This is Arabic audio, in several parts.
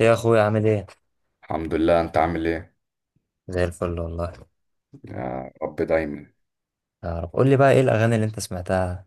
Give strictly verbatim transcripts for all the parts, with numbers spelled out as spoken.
يا اخويا عامل ايه؟ الحمد لله. انت عامل ايه؟ زي الفل والله. يا رب دايما. يا رب قول لي بقى ايه الاغاني اللي انت سمعتها؟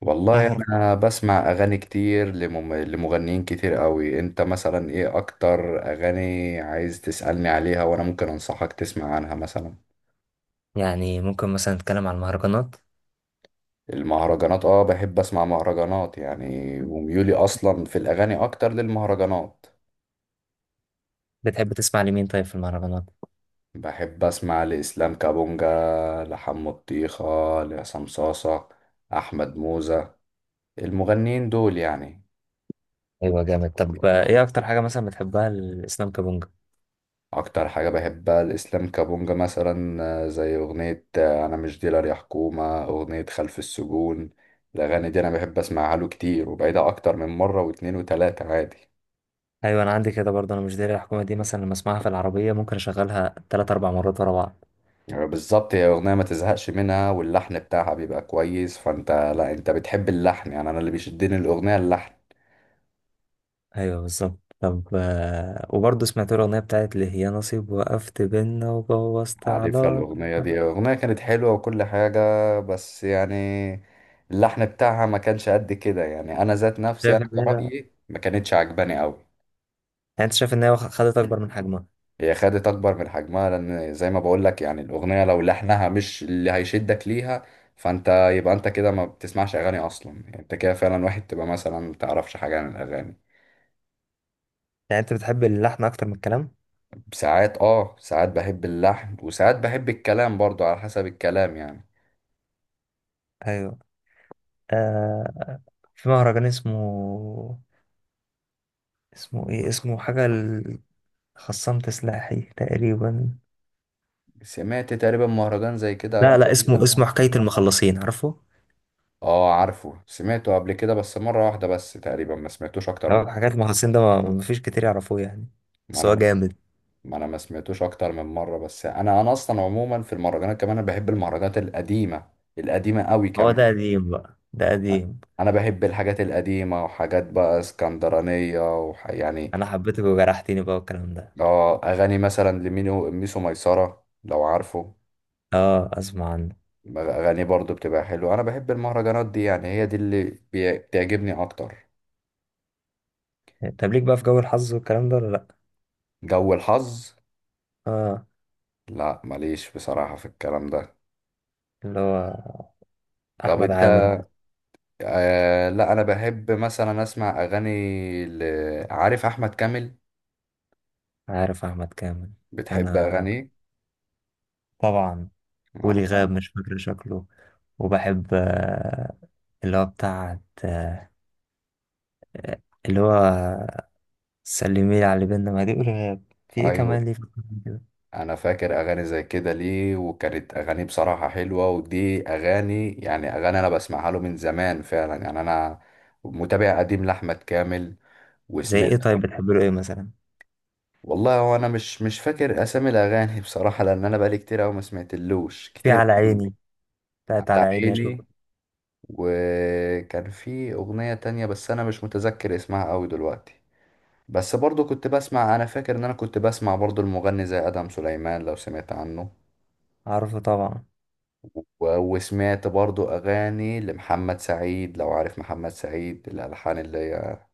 والله اخر. انا بسمع اغاني كتير لمم... لمغنيين كتير قوي. انت مثلا ايه اكتر اغاني عايز تسألني عليها؟ وانا ممكن انصحك تسمع عنها مثلا. يعني ممكن مثلا نتكلم عن المهرجانات. المهرجانات، اه، بحب اسمع مهرجانات يعني. وميولي اصلا في الاغاني اكتر للمهرجانات. بتحب تسمع لمين طيب في المهرجانات؟ بحب اسمع لاسلام كابونجا، لحمو الطيخة، لعصام صاصة، احمد موزة، المغنيين دول يعني. ايوه جامد. طب آه، ايه اكتر حاجه مثلا بتحبها الاسلام كابونجا؟ اكتر حاجة بحبها الاسلام كابونجا مثلا، آه، زي اغنية، آه، انا مش ديلر يا حكومة، اغنية خلف السجون. الاغاني دي انا بحب اسمعها له كتير وبعيدها اكتر من مرة واتنين وتلاتة عادي. ايوه انا عندي كده برضه، انا مش داري الحكومه دي مثلا لما اسمعها في العربيه ممكن اشغلها تلات اربع مرات ورا بعض. يعني بالظبط هي اغنية ما تزهقش منها، واللحن بتاعها بيبقى كويس. فانت، لا، انت بتحب اللحن يعني، انا اللي بيشدني الاغنية اللحن. ايوه بالظبط. طب آه، وبرضه سمعت له الاغنيه بتاعت اللي هي نصيب وقفت بينا وبوظت عارفها الاغنية علاقتنا. دي. اغنية كانت حلوة وكل حاجة، بس يعني اللحن بتاعها ما كانش قد كده. يعني انا ذات نفسي، شايف انا ان هي يعني، كرأيي، ما كانتش عجباني قوي. انت شايف ان هي واخ- خدت اكبر من حجمها؟ هي خدت اكبر من حجمها، لان زي ما بقول لك يعني الاغنيه لو لحنها مش اللي هيشدك ليها، فانت يبقى انت كده ما بتسمعش اغاني اصلا. يعني انت كده فعلا واحد تبقى مثلا ما تعرفش حاجه عن الاغاني. يعني انت بتحب اللحن اكتر من الكلام؟ ساعات اه ساعات بحب اللحن، وساعات بحب الكلام برضو، على حسب الكلام يعني. ايوه. آه. في مهرجان اسمه، اسمه ايه، اسمه حاجة ال- خصام تسلاحي تقريبا. سمعت تقريبا مهرجان زي كده لا قبل لا اسمه، كده. اسمه حكاية المخلصين، عارفه؟ اه، عارفه، سمعته قبل كده بس مره واحده بس، تقريبا ما سمعتوش اكتر هو من. حكاية المخلصين ده ما ما فيش كتير يعرفوه يعني، ما بس انا هو جامد. ما انا ما سمعتوش اكتر من مره، بس انا انا اصلا عموما في المهرجانات كمان انا بحب المهرجانات القديمه، القديمه قوي هو كمان. ده قديم بقى؟ ده قديم. انا بحب الحاجات القديمه وحاجات بقى اسكندرانيه وح... يعني. انا حبيتك وجرحتني بقى والكلام ده. اه، اغاني مثلا لمينو ميسو ميسره، لو عارفه. اه اسمع عنه. اغاني برضو بتبقى حلوه. انا بحب المهرجانات دي يعني، هي دي اللي بي- بتعجبني اكتر. طب ليك بقى في جو الحظ والكلام ده ولا لا؟ جو الحظ؟ اه، لا، ماليش بصراحه في الكلام ده. اللي هو طب احمد انت؟ عامر. آه لا، انا بحب مثلا اسمع اغاني ل... عارف احمد كامل. عارف احمد كامل؟ بتحب انا أغاني؟ طبعا. ولي غاب أنا. مش فاكر شكله. وبحب آه، اللي هو بتاعت آه، اللي هو سلمي لي على اللي بينا ما دي قولها. في ايه أيوه. كمان ليه في القرآن كده. أنا فاكر أغاني زي كده ليه، وكانت أغاني بصراحة حلوة، ودي أغاني يعني، أغاني أنا بسمعها له من زمان فعلا. يعني أنا متابع قديم لأحمد كامل زي ايه وسمعت. طيب، بتحب له ايه مثلا؟ والله هو أنا مش مش فاكر أسامي الأغاني بصراحة، لأن أنا بقالي كتير أوي ما سمعتلوش في كتير على أوي. عيني، بتاعت على على عيني اشوف. عيني. وكان في أغنية تانية بس أنا مش متذكر اسمها أوي دلوقتي. بس برضو كنت بسمع، انا فاكر ان انا كنت بسمع برضو المغني زي ادم سليمان لو سمعت عنه. عارفه طبعا. و- وسمعت برضو اغاني لمحمد سعيد، لو عارف محمد سعيد الالحان، اللي هي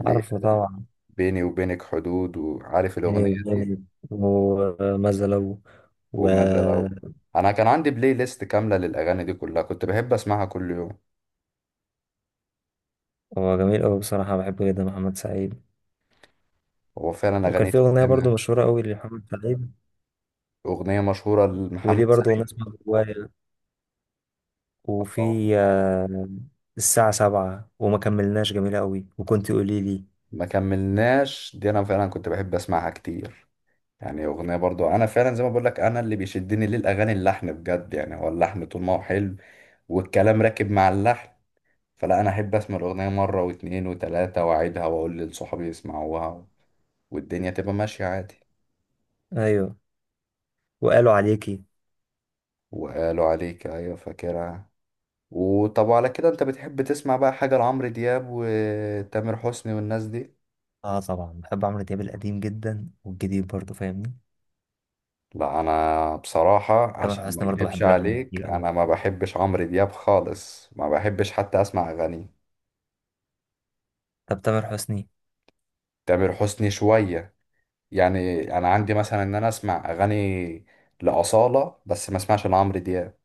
اللي هي عارفه طبعا. بيني وبينك حدود. وعارف بيني الاغنية دي وبيني، وماذا لو، و... وما زال. انا كان عندي بلاي ليست كاملة للاغاني دي كلها، كنت بحب اسمعها كل يوم. هو جميل قوي بصراحة، بحبه جدا محمد سعيد. هو فعلا وكان اغاني في أغنية برضو تتسمع. مشهورة قوي لمحمد سعيد. اغنية مشهورة لمحمد وليه برضو أغنية سعيد، اسمها جوايا. آه، وفي آه، الساعة سبعة وما كملناش، جميلة قوي، وكنت قولي لي. ما كملناش، دي انا فعلا كنت بحب اسمعها كتير. يعني اغنيه برضو انا فعلا، زي ما بقول لك، انا اللي بيشدني للاغاني اللحن بجد. يعني هو اللحن طول ما هو حلو، والكلام راكب مع اللحن، فلا انا احب اسمع الاغنيه مره واتنين وتلاته، واعيدها واقول لصحابي يسمعوها، والدنيا تبقى ماشيه عادي. أيوة. وقالوا عليكي. وقالوا عليك، ايوه، فاكرها. وطب على كده انت بتحب تسمع بقى حاجه لعمرو دياب وتامر حسني والناس دي؟ اه طبعا، بحب عمرو دياب القديم جدا والجديد برضه، فاهمني. لا، انا بصراحه، تامر عشان ما حسني برضه اكدبش بحب له أغاني عليك، كتير قوي. انا ما بحبش عمرو دياب خالص، ما بحبش حتى اسمع اغانيه. طب تامر حسني. تامر حسني شوية. يعني أنا عندي مثلا إن أنا أسمع أغاني لأصالة، بس ما أسمعش لعمرو دياب.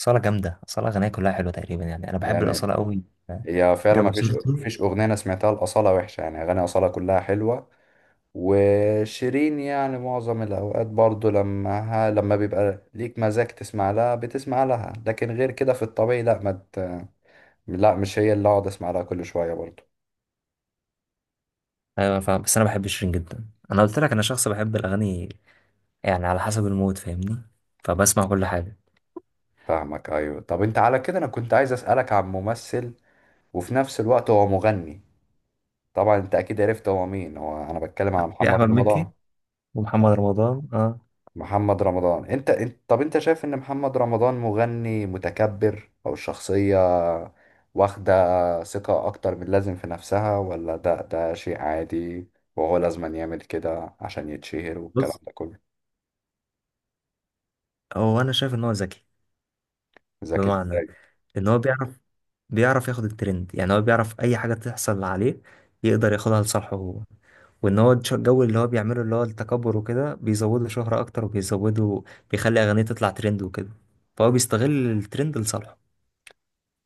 أصالة جامدة، أصالة أغانيها كلها حلوة تقريبا، يعني أنا بحب يعني الأصالة قوي. هي فعلا ما جابوا فيش سيرته. فيش أغنية أنا سمعتها لأصالة وحشة، يعني أغاني أصالة كلها حلوة. وشيرين يعني معظم الأوقات برضو، لما لما بيبقى ليك مزاج تسمع لها بتسمع لها، لكن غير كده في الطبيعي لا. ما ت- لا، مش هي اللي أقعد أسمع لها كل شوية برضو. أيوة فاهم، بس أنا بحب شيرين جدا. أنا قلت لك أنا شخص بحب الأغاني، يعني على حسب المود فاهمني، فبسمع كل حاجة. فاهمك، أيوة. طب أنت، على كده، أنا كنت عايز أسألك عن ممثل وفي نفس الوقت هو مغني. طبعا انت اكيد عرفت هو مين، هو انا بتكلم عن في محمد أحمد مكي رمضان. ومحمد لا، رمضان اه. محمد رمضان انت انت، طب انت شايف ان محمد رمضان مغني متكبر؟ او الشخصية واخدة ثقة اكتر من اللازم في نفسها؟ ولا ده ده شيء عادي وهو لازم يعمل كده عشان يتشهر والكلام بص، ده كله؟ هو أنا شايف إن هو ذكي. ذكي بمعنى ازاي؟ ان هو بيعرف، بيعرف ياخد الترند. يعني هو بيعرف اي حاجه تحصل عليه يقدر ياخدها لصالحه هو. وان هو الش- الجو اللي هو بيعمله اللي هو التكبر وكده بيزوده شهره اكتر، وبيزوده بيخلي اغانيه تطلع ترند وكده، فهو بيستغل الترند لصالحه.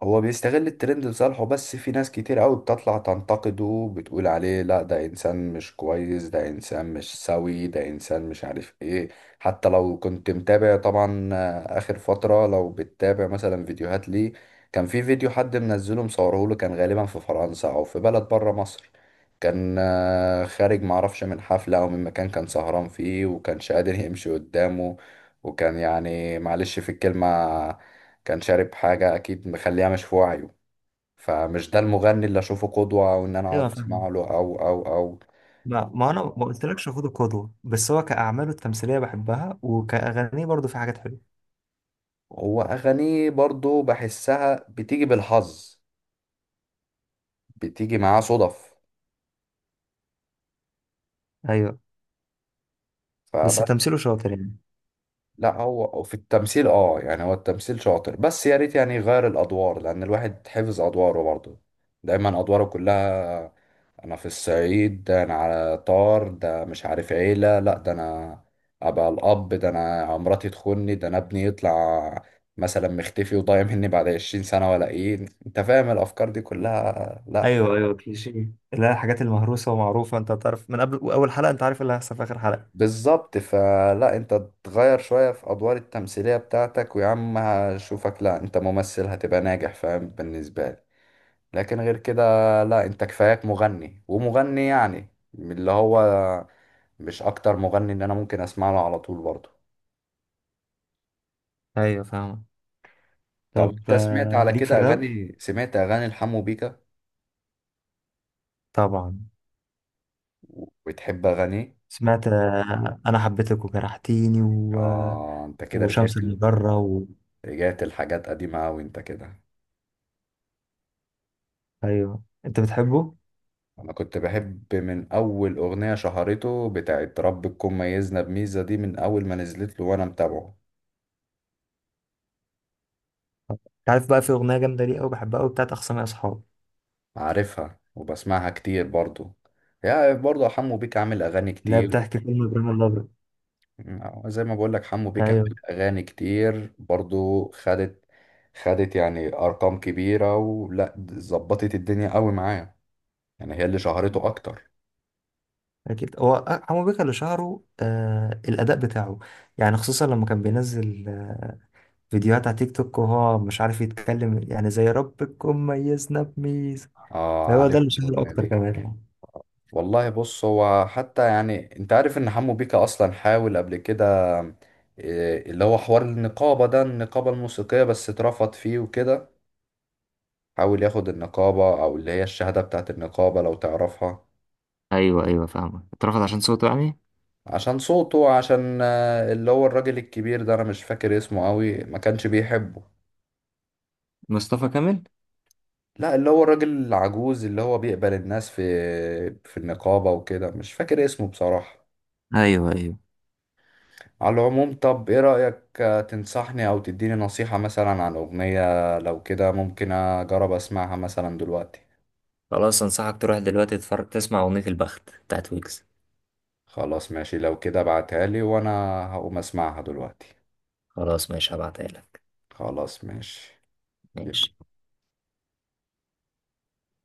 هو بيستغل الترند لصالحه، بس في ناس كتير قوي بتطلع تنتقده، بتقول عليه لا ده انسان مش كويس، ده انسان مش سوي، ده انسان مش عارف ايه. حتى لو كنت متابع طبعا، آه، اخر فترة لو بتتابع مثلا فيديوهات ليه، كان في فيديو حد منزله، مصوره له، كان غالبا في فرنسا او في بلد بره مصر. كان، آه، خارج، معرفش من حفلة او من مكان كان سهران فيه، وكانش قادر يمشي قدامه. وكان يعني معلش في الكلمة، كان شارب حاجة أكيد مخليها مش في وعيه. فمش ده المغني اللي أشوفه قدوة، أو إن أنا ايوه أقعد أسمع فاهم. له، أو أو أو. ما ما انا ما قلتلكش خد القدوه، بس هو كاعماله التمثيليه بحبها، وكاغانيه برضو في حاجات حلوه. هو أغانيه برضو بحسها بتيجي بالحظ، بتيجي معاه صدف، ايوه. بس فبس. تمثيله شاطر يعني. لا، هو في التمثيل اه يعني هو التمثيل شاطر، بس يا ريت يعني يغير الادوار، لان الواحد حفظ ادواره برضه، دايما ادواره كلها. انا في الصعيد، ده انا على طار، ده مش عارف عيلة، لا، ده انا ابقى الاب، ده انا مراتي تخوني، ده انا ابني يطلع مثلا مختفي وضايع مني بعد 20 سنة، ولا ايه انت فاهم الافكار دي كلها؟ لا. ايوه ايوه كليشيه، لا الحاجات المهروسه ومعروفه، انت تعرف من قبل اول حلقه انت عارف اللي هيحصل في اخر حلقه. بالظبط، فلا انت تغير شوية في أدوار التمثيلية بتاعتك، ويا عم هشوفك. لا، انت ممثل، هتبقى ناجح، فاهم بالنسبة لي. لكن غير كده لا، انت كفاياك مغني، ومغني يعني من اللي هو مش أكتر. مغني اللي أنا ممكن أسمع له على طول برضه. ايوه فاهمة. طب طب انت سمعت آه، على ليك في كده الراب؟ أغاني؟ سمعت أغاني لحمو بيكا؟ طبعا. وبتحب أغانيه؟ سمعت آه، انا حبيتك وجرحتيني و... آه، انت كده وشمس رجعت ال- المجرة و... رجعت الحاجات قديمة أوي انت كده. ايوه انت بتحبه. انا كنت بحب من اول اغنية شهرته، بتاعت رب تكون ميزنا بميزة، دي من اول ما نزلت له وانا متابعه. انت عارف بقى في اغنية جامدة ليه قوي بحبها قوي بتاعت اخصامي اصحاب. عارفها، وبسمعها كتير برضو. يا برضو حمو بيك عامل اغاني لا كتير. بتحكي فيلم ابراهيم الابيض. آه، زي ما بقول لك حمو بيك عامل ايوه. اغاني كتير برضو خدت خدت يعني ارقام كبيرة، ولا ظبطت الدنيا قوي معاه. يعني هي اللي شهرته اكتر. اكيد هو أ- حمو بيكا اللي شهره آه الاداء بتاعه، يعني خصوصا لما كان بينزل آه فيديوهات على تيك توك وهو مش عارف يتكلم، يعني زي ربكم ميزنا بميزه، اه، فهو ده اللي عارف شهر الاغنية اكتر دي. كمان يعني. والله بص، هو حتى يعني انت عارف ان حمو بيكا اصلا حاول قبل كده، إيه، اللي هو حوار النقابة، ده النقابة الموسيقية بس اترفض فيه وكده. حاول ياخد النقابة، او اللي هي الشهادة بتاعت النقابة، لو تعرفها. ايوه ايوه فاهمك، اترفض عشان صوته يعني. عشان صوته، عشان آه، اللي هو الراجل الكبير ده، انا مش فاكر اسمه قوي، ما كانش بيحبه. مصطفى كامل. لا، اللي هو الراجل العجوز، اللي هو بيقبل الناس في في النقابة وكده، مش فاكر اسمه بصراحة. ايوه ايوه. على العموم طب ايه رأيك؟ آه، تنصحني او تديني نصيحة مثلا عن اغنية لو كده ممكن اجرب اسمعها مثلا دلوقتي. خلاص انصحك تروح دلوقتي تتفرج تسمع اغنية البخت بتاعت ويجز. خلاص ماشي، لو كده ابعتها لي وانا هقوم اسمعها دلوقتي. خلاص ماشي، هبعتها لك. خلاص ماشي ماشي.